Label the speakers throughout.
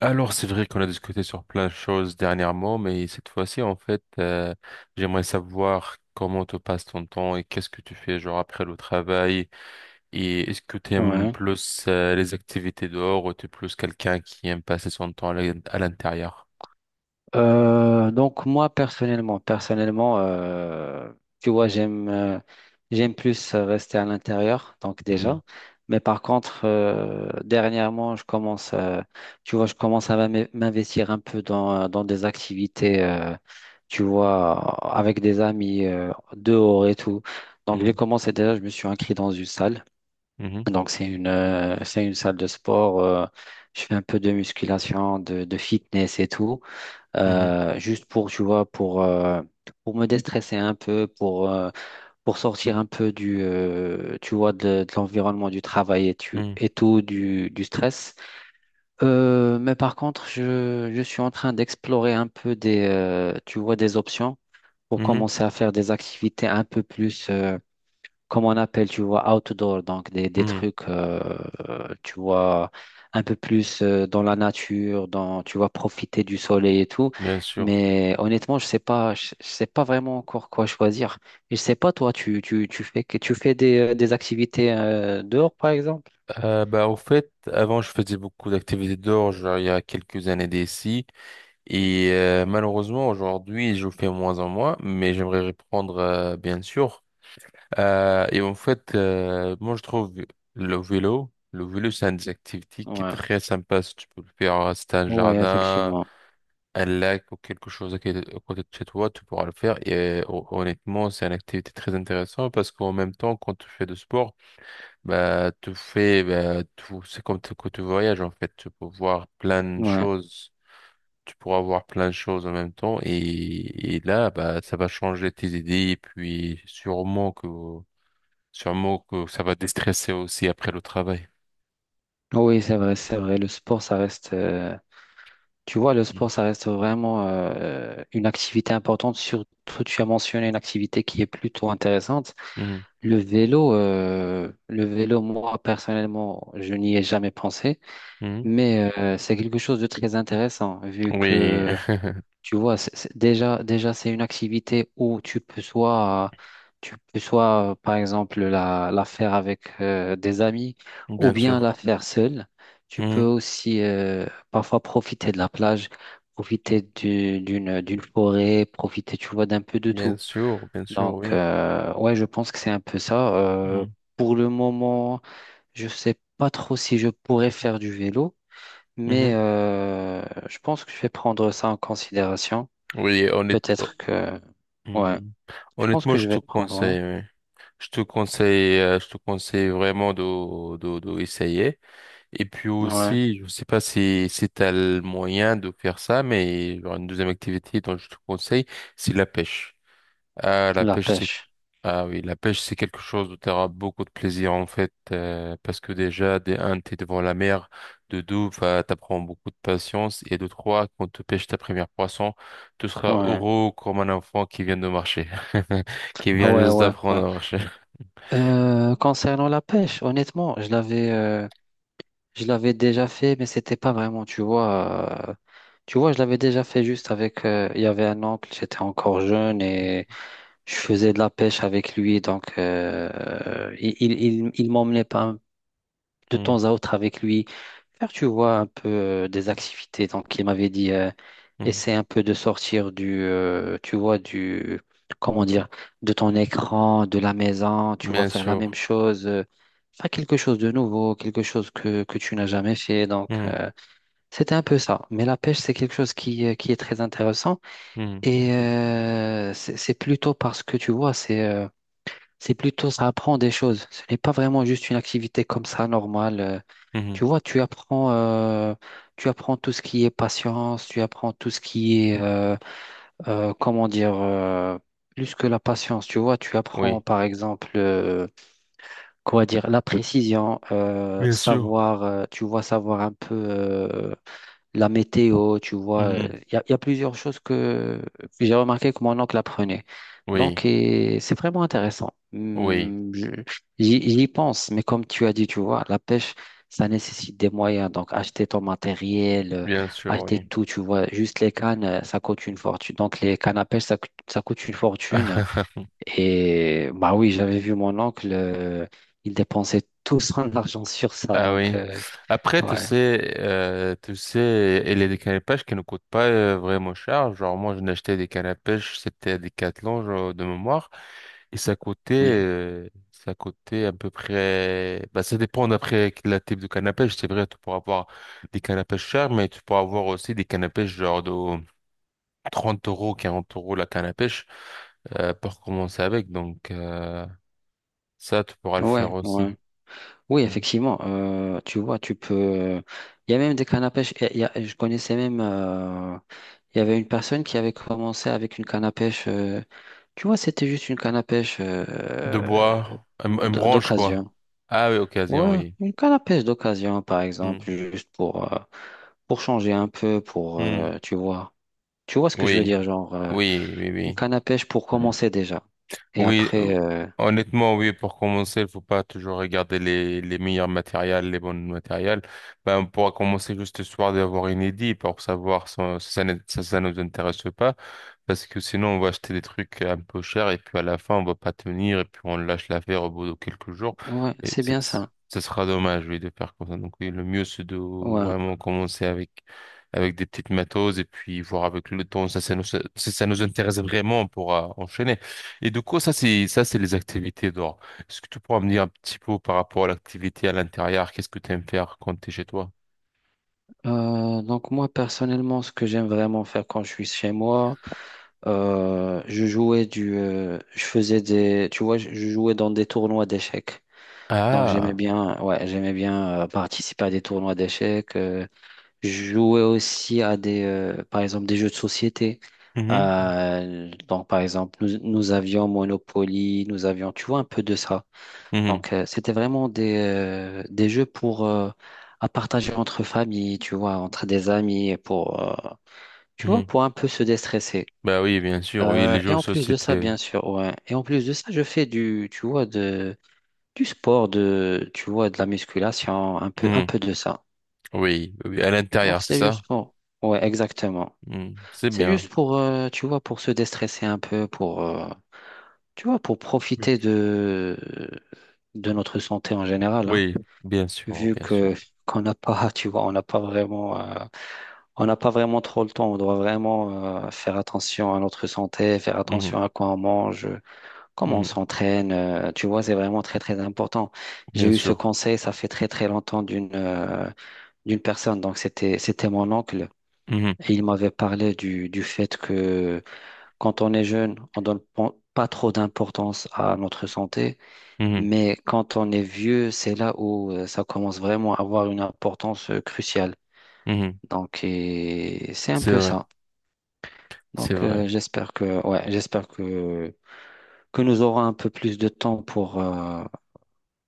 Speaker 1: Alors, c'est vrai qu'on a discuté sur plein de choses dernièrement, mais cette fois-ci, en fait, j'aimerais savoir comment te passe ton temps et qu'est-ce que tu fais, genre, après le travail. Et est-ce que tu aimes
Speaker 2: Ouais.
Speaker 1: plus, les activités dehors ou tu es plus quelqu'un qui aime passer son temps à l'intérieur?
Speaker 2: Donc moi personnellement, personnellement, tu vois, j'aime plus rester à l'intérieur, donc
Speaker 1: Mhm,
Speaker 2: déjà. Mais par contre, dernièrement, tu vois, je commence à m'investir un peu dans des activités, tu vois, avec des amis dehors et tout. Donc j'ai
Speaker 1: mhm,
Speaker 2: commencé déjà, je me suis inscrit dans une salle.
Speaker 1: mhm,
Speaker 2: Donc c'est une salle de sport. Je fais un peu de musculation, de fitness et tout.
Speaker 1: mhm,
Speaker 2: Juste pour, tu vois, pour me déstresser un peu, pour sortir un peu tu vois, de l'environnement du travail et, tu,
Speaker 1: mhm,
Speaker 2: et tout, du stress. Mais par contre, je suis en train d'explorer un peu tu vois, des options pour
Speaker 1: mhm,
Speaker 2: commencer à faire des activités un peu plus. Comme on appelle, tu vois, outdoor, donc des
Speaker 1: mhm.
Speaker 2: trucs, tu vois, un peu plus dans la nature, tu vois, profiter du soleil et tout.
Speaker 1: Bien sûr.
Speaker 2: Mais honnêtement, je sais pas vraiment encore quoi choisir. Et je sais pas, toi, tu fais des activités dehors, par exemple?
Speaker 1: Bah, au fait, avant, je faisais beaucoup d'activités dehors, genre, il y a quelques années d'ici. Et malheureusement, aujourd'hui, je fais moins en moins, mais j'aimerais reprendre, bien sûr. Et en fait, moi, je trouve le vélo, c'est une des activités qui est
Speaker 2: Ouais,
Speaker 1: très sympa. Si tu peux le faire, si t'as un
Speaker 2: ouais,
Speaker 1: jardin,
Speaker 2: effectivement.
Speaker 1: un lac ou quelque chose à côté de chez toi, tu pourras le faire. Et honnêtement, c'est une activité très intéressante parce qu'en même temps, quand tu fais du sport, bah, tu fais, bah, tout, c'est comme que tu voyages, en fait. Tu peux voir plein de
Speaker 2: Ouais.
Speaker 1: choses, tu pourras voir plein de choses en même temps et là bah ça va changer tes idées et puis sûrement que ça va déstresser aussi après le travail.
Speaker 2: Oui, c'est vrai, c'est vrai. Le sport, ça reste, Tu vois, le
Speaker 1: Mm.
Speaker 2: sport, ça reste vraiment une activité importante. Surtout, tu as mentionné une activité qui est plutôt intéressante.
Speaker 1: Mhm.
Speaker 2: Le vélo, moi personnellement, je n'y ai jamais pensé,
Speaker 1: Mhm.
Speaker 2: mais c'est quelque chose de très intéressant vu
Speaker 1: Oui,
Speaker 2: que tu vois, déjà c'est une activité où tu peux soit, par exemple la faire avec des amis ou
Speaker 1: bien
Speaker 2: bien la
Speaker 1: sûr.
Speaker 2: faire seule. Tu peux
Speaker 1: Mhm.
Speaker 2: aussi parfois profiter de la plage, profiter d'une forêt, profiter, tu vois, d'un peu de tout.
Speaker 1: Bien sûr,
Speaker 2: Donc,
Speaker 1: oui.
Speaker 2: ouais, je pense que c'est un peu ça.
Speaker 1: Mhm.
Speaker 2: Pour le moment, je sais pas trop si je pourrais faire du vélo, mais
Speaker 1: Mhm.
Speaker 2: je pense que je vais prendre ça en considération.
Speaker 1: Oui, honnête... oh,
Speaker 2: Peut-être que, ouais,
Speaker 1: mhm.
Speaker 2: je pense
Speaker 1: Honnêtement,
Speaker 2: que
Speaker 1: je
Speaker 2: je vais
Speaker 1: te
Speaker 2: le prendre, ouais.
Speaker 1: conseille, oui. Je te conseille vraiment de essayer. Et puis
Speaker 2: Ouais,
Speaker 1: aussi, je sais pas si, si tu as le moyen de faire ça, mais genre une deuxième activité dont je te conseille, c'est la pêche. Ah, la
Speaker 2: la
Speaker 1: pêche, c'est
Speaker 2: pêche,
Speaker 1: ah oui, la pêche, c'est quelque chose où tu auras beaucoup de plaisir en fait, parce que déjà, de un, t'es devant la mer, de deux, bah, t'apprends beaucoup de patience, et de trois, quand tu pêches ta première poisson, tu seras
Speaker 2: ouais.
Speaker 1: heureux comme un enfant qui vient de marcher, qui
Speaker 2: Ah
Speaker 1: vient
Speaker 2: ouais,
Speaker 1: juste
Speaker 2: ouais,
Speaker 1: d'apprendre
Speaker 2: ouais.
Speaker 1: à marcher.
Speaker 2: Concernant la pêche, honnêtement, je l'avais déjà fait, mais c'était pas vraiment, tu vois. Tu vois, je l'avais déjà fait juste avec, il y avait un oncle, j'étais encore jeune et je faisais de la pêche avec lui, donc il m'emmenait pas de
Speaker 1: Mm,
Speaker 2: temps à autre avec lui faire, tu vois, un peu des activités. Donc il m'avait dit,
Speaker 1: mm, mm.
Speaker 2: essaie un peu de sortir tu vois, comment dire, de ton écran, de la maison, tu vois,
Speaker 1: Bien
Speaker 2: faire la
Speaker 1: sûr.
Speaker 2: même chose, faire quelque chose de nouveau, quelque chose que tu n'as jamais fait. Donc
Speaker 1: Mm,
Speaker 2: c'était un peu ça. Mais la pêche, c'est quelque chose qui est très intéressant
Speaker 1: mm,
Speaker 2: et c'est plutôt parce que, tu vois, c'est plutôt ça apprend des choses. Ce n'est pas vraiment juste une activité comme ça normale.
Speaker 1: mhm.
Speaker 2: Tu vois, tu apprends tout ce qui est patience, tu apprends tout ce qui est, comment dire, plus que la patience. Tu vois, tu apprends
Speaker 1: Oui.
Speaker 2: par exemple, quoi dire, la précision,
Speaker 1: Bien sûr.
Speaker 2: tu vois, savoir un peu. La météo, tu vois.
Speaker 1: Mhm.
Speaker 2: Il y a plusieurs choses que j'ai remarqué que mon oncle apprenait.
Speaker 1: Oui,
Speaker 2: Donc, et c'est vraiment intéressant.
Speaker 1: oui,
Speaker 2: J'y pense, mais comme tu as dit, tu vois, la pêche, ça nécessite des moyens. Donc, acheter ton matériel,
Speaker 1: bien sûr,
Speaker 2: acheter
Speaker 1: oui.
Speaker 2: tout, tu vois. Juste les cannes, ça coûte une fortune. Donc, les cannes à pêche, ça coûte une fortune. Et bah oui, j'avais vu mon oncle, il dépensait tout son argent sur ça.
Speaker 1: Ah
Speaker 2: Donc,
Speaker 1: oui. Après,
Speaker 2: ouais,
Speaker 1: tu sais, il y a des cannes à pêche qui ne coûtent pas vraiment cher. Genre, moi, je acheté des cannes à pêche, c'était à Decathlon, genre, de mémoire. Et
Speaker 2: ouais,
Speaker 1: ça coûtait à peu près, bah, ça dépend d'après quel type de canne à pêche. C'est vrai, tu pourras avoir des cannes à pêche chères, mais tu pourras avoir aussi des cannes à pêche genre de 30 euros, 40 euros la canne à pêche, pour commencer avec. Donc, ça, tu pourras le faire
Speaker 2: ouais.
Speaker 1: aussi.
Speaker 2: Ouais. Oui,
Speaker 1: Mm.
Speaker 2: effectivement, tu vois, tu peux. Il y a même des cannes à pêche. Je connaissais même. Il y avait une personne qui avait commencé avec une canne à pêche. Tu vois, c'était juste une canne à pêche
Speaker 1: De bois, un branche, quoi.
Speaker 2: d'occasion.
Speaker 1: Ah oui, occasion,
Speaker 2: Ouais,
Speaker 1: oui.
Speaker 2: une canne à pêche d'occasion, par exemple,
Speaker 1: Mm.
Speaker 2: juste pour changer un peu,
Speaker 1: Mm.
Speaker 2: tu vois. Tu vois ce que je veux
Speaker 1: Oui,
Speaker 2: dire, genre,
Speaker 1: oui, oui,
Speaker 2: une
Speaker 1: oui.
Speaker 2: canne à pêche pour commencer déjà. Et
Speaker 1: Oui,
Speaker 2: après,
Speaker 1: honnêtement, oui, pour commencer, il faut pas toujours regarder les meilleurs matériels, les bons matériels. Ben, on pourra commencer juste ce soir d'avoir une idée pour savoir si ça, si ça nous intéresse ou pas. Parce que sinon, on va acheter des trucs un peu chers et puis à la fin, on va pas tenir et puis on lâche l'affaire au bout de quelques jours.
Speaker 2: ouais,
Speaker 1: Et
Speaker 2: c'est
Speaker 1: ce
Speaker 2: bien
Speaker 1: ce-
Speaker 2: ça.
Speaker 1: Ce sera dommage, oui, de faire comme ça. Donc, oui, le mieux, c'est de
Speaker 2: Ouais.
Speaker 1: vraiment commencer avec, avec des petites matos et puis voir avec le temps. Si ça nous intéresse vraiment, on pourra enchaîner. Et du coup, ça, c'est les activités dehors. Est-ce que tu pourras me dire un petit peu par rapport à l'activité à l'intérieur? Qu'est-ce que tu aimes faire quand tu es chez toi?
Speaker 2: Donc moi personnellement, ce que j'aime vraiment faire quand je suis chez moi, je jouais du, je faisais des, tu vois, je jouais dans des tournois d'échecs. Donc j'aimais
Speaker 1: Ah.
Speaker 2: bien, ouais, j'aimais bien participer à des tournois d'échecs. Je jouais aussi à des, par exemple, des jeux de société.
Speaker 1: Mhm,
Speaker 2: Donc par exemple, nous avions Monopoly, nous avions, tu vois, un peu de ça.
Speaker 1: mhm,
Speaker 2: Donc, c'était vraiment des jeux pour à partager entre familles, tu vois, entre des amis, tu vois,
Speaker 1: mhm.
Speaker 2: pour un peu se déstresser.
Speaker 1: Bah oui, bien sûr, oui, les jeux
Speaker 2: Et
Speaker 1: de
Speaker 2: en plus de ça,
Speaker 1: société.
Speaker 2: bien sûr, ouais. Et en plus de ça, je fais tu vois, du sport, tu vois, de la musculation, un peu, un
Speaker 1: Mhm.
Speaker 2: peu de ça.
Speaker 1: Oui, oui, à
Speaker 2: Donc,
Speaker 1: l'intérieur, c'est
Speaker 2: c'est
Speaker 1: ça?
Speaker 2: juste pour, ouais, exactement.
Speaker 1: Mhm, c'est
Speaker 2: C'est
Speaker 1: bien.
Speaker 2: juste pour, tu vois, pour se déstresser un peu, tu vois, pour
Speaker 1: Oui.
Speaker 2: profiter de notre santé en général, hein.
Speaker 1: Oui, bien sûr,
Speaker 2: Vu
Speaker 1: bien sûr.
Speaker 2: que qu'on n'a pas, tu vois, on n'a pas vraiment trop le temps. On doit vraiment faire attention à notre santé, faire
Speaker 1: Mhm,
Speaker 2: attention à quoi on mange, comment on
Speaker 1: mhm,
Speaker 2: s'entraîne. Tu vois, c'est vraiment très très important. J'ai
Speaker 1: bien
Speaker 2: eu ce
Speaker 1: sûr.
Speaker 2: conseil, ça fait très très longtemps d'une personne. Donc c'était mon oncle.
Speaker 1: Mhm,
Speaker 2: Et il m'avait parlé du fait que quand on est jeune, on donne pas trop d'importance à notre santé.
Speaker 1: mhm,
Speaker 2: Mais quand on est vieux, c'est là où ça commence vraiment à avoir une importance cruciale.
Speaker 1: mhm.
Speaker 2: Donc, et c'est un
Speaker 1: C'est
Speaker 2: peu
Speaker 1: vrai,
Speaker 2: ça.
Speaker 1: c'est
Speaker 2: Donc,
Speaker 1: vrai.
Speaker 2: j'espère que, ouais, que nous aurons un peu plus de temps pour, euh,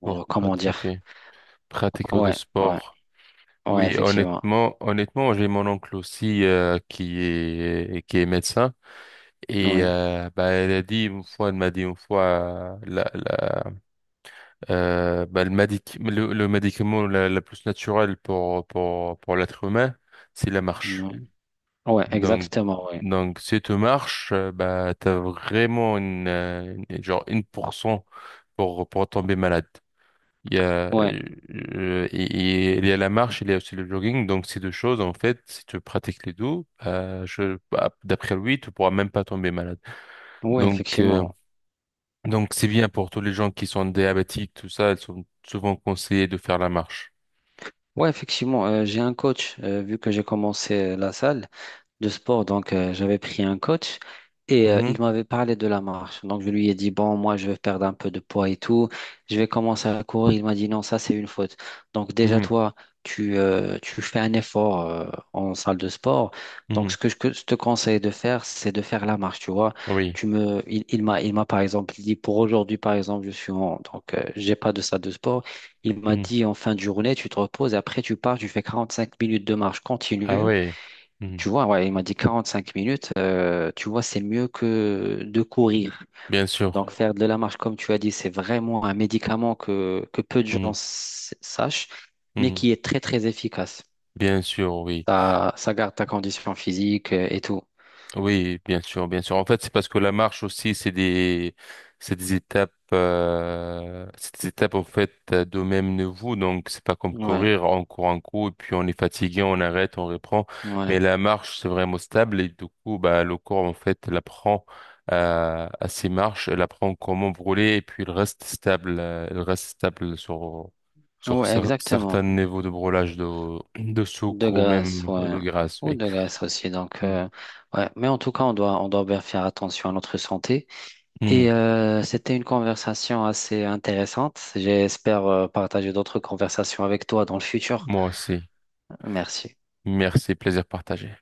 Speaker 2: pour,
Speaker 1: Pour
Speaker 2: comment dire.
Speaker 1: pratiquer, pratiquer de
Speaker 2: Ouais, ouais,
Speaker 1: sport.
Speaker 2: ouais,
Speaker 1: Oui,
Speaker 2: effectivement.
Speaker 1: honnêtement, honnêtement, j'ai mon oncle aussi qui est médecin et
Speaker 2: Ouais,
Speaker 1: bah elle a dit une fois, elle m'a dit une fois la la bah, le médicament la plus naturelle pour l'être humain, c'est la marche.
Speaker 2: ouais, ouais,
Speaker 1: Donc
Speaker 2: exactement, ouais.
Speaker 1: donc si tu marches, bah t'as vraiment une genre 1% pour tomber malade. Il y a,
Speaker 2: Ouais,
Speaker 1: euh, et- et il y a la marche, il y a aussi le jogging. Donc, ces deux choses, en fait, si tu pratiques les deux, bah, d'après lui, tu pourras même pas tomber malade.
Speaker 2: ouais,
Speaker 1: Donc, euh,
Speaker 2: effectivement.
Speaker 1: donc c'est bien pour tous les gens qui sont diabétiques, tout ça, ils sont souvent conseillés de faire la marche.
Speaker 2: Ouais, effectivement, j'ai un coach, vu que j'ai commencé la salle de sport. Donc, j'avais pris un coach et
Speaker 1: Mhm,
Speaker 2: il m'avait parlé de la marche. Donc, je lui ai dit, bon, moi, je vais perdre un peu de poids et tout. Je vais commencer à courir. Il m'a dit, non, ça, c'est une faute. Donc, déjà,
Speaker 1: mhm,
Speaker 2: toi, tu fais un effort en salle de sport. Donc, ce
Speaker 1: mhm.
Speaker 2: que je te conseille de faire, c'est de faire la marche, tu vois.
Speaker 1: Oui.
Speaker 2: Tu me, il m'a, par exemple, dit, pour aujourd'hui, par exemple, donc, j'ai pas de salle de sport. Il m'a
Speaker 1: Mhm.
Speaker 2: dit, en fin de journée, tu te reposes et après, tu pars, tu fais 45 minutes de marche
Speaker 1: Ah
Speaker 2: continue.
Speaker 1: ouais. Mhm.
Speaker 2: Tu vois, ouais, il m'a dit 45 minutes, tu vois, c'est mieux que de courir.
Speaker 1: Bien sûr.
Speaker 2: Donc, faire de la marche, comme tu as dit, c'est vraiment un médicament que peu de gens
Speaker 1: Mhm,
Speaker 2: sachent, mais
Speaker 1: mhm.
Speaker 2: qui est très, très efficace.
Speaker 1: Bien sûr, oui.
Speaker 2: Ça garde ta condition physique et tout.
Speaker 1: Oui, bien sûr, bien sûr. En fait, c'est parce que la marche aussi, c'est des étapes en fait de même niveau. Donc, c'est pas comme
Speaker 2: Ouais,
Speaker 1: courir, on court un coup et puis on est fatigué, on arrête, on reprend.
Speaker 2: ouais,
Speaker 1: Mais la marche, c'est vraiment stable et du coup, bah, le corps en fait, il apprend à ses marches, il apprend comment brûler et puis il reste stable sur
Speaker 2: ouais, exactement.
Speaker 1: certains niveaux de brûlage de
Speaker 2: De
Speaker 1: sucre ou
Speaker 2: graisse,
Speaker 1: même
Speaker 2: ouais.
Speaker 1: de graisse.
Speaker 2: Ou
Speaker 1: Oui.
Speaker 2: de graisse aussi. Donc,
Speaker 1: Mm.
Speaker 2: ouais. Mais en tout cas, on doit bien faire attention à notre santé.
Speaker 1: Mm.
Speaker 2: Et c'était une conversation assez intéressante. J'espère partager d'autres conversations avec toi dans le futur.
Speaker 1: Moi aussi.
Speaker 2: Merci.
Speaker 1: Merci, plaisir partagé.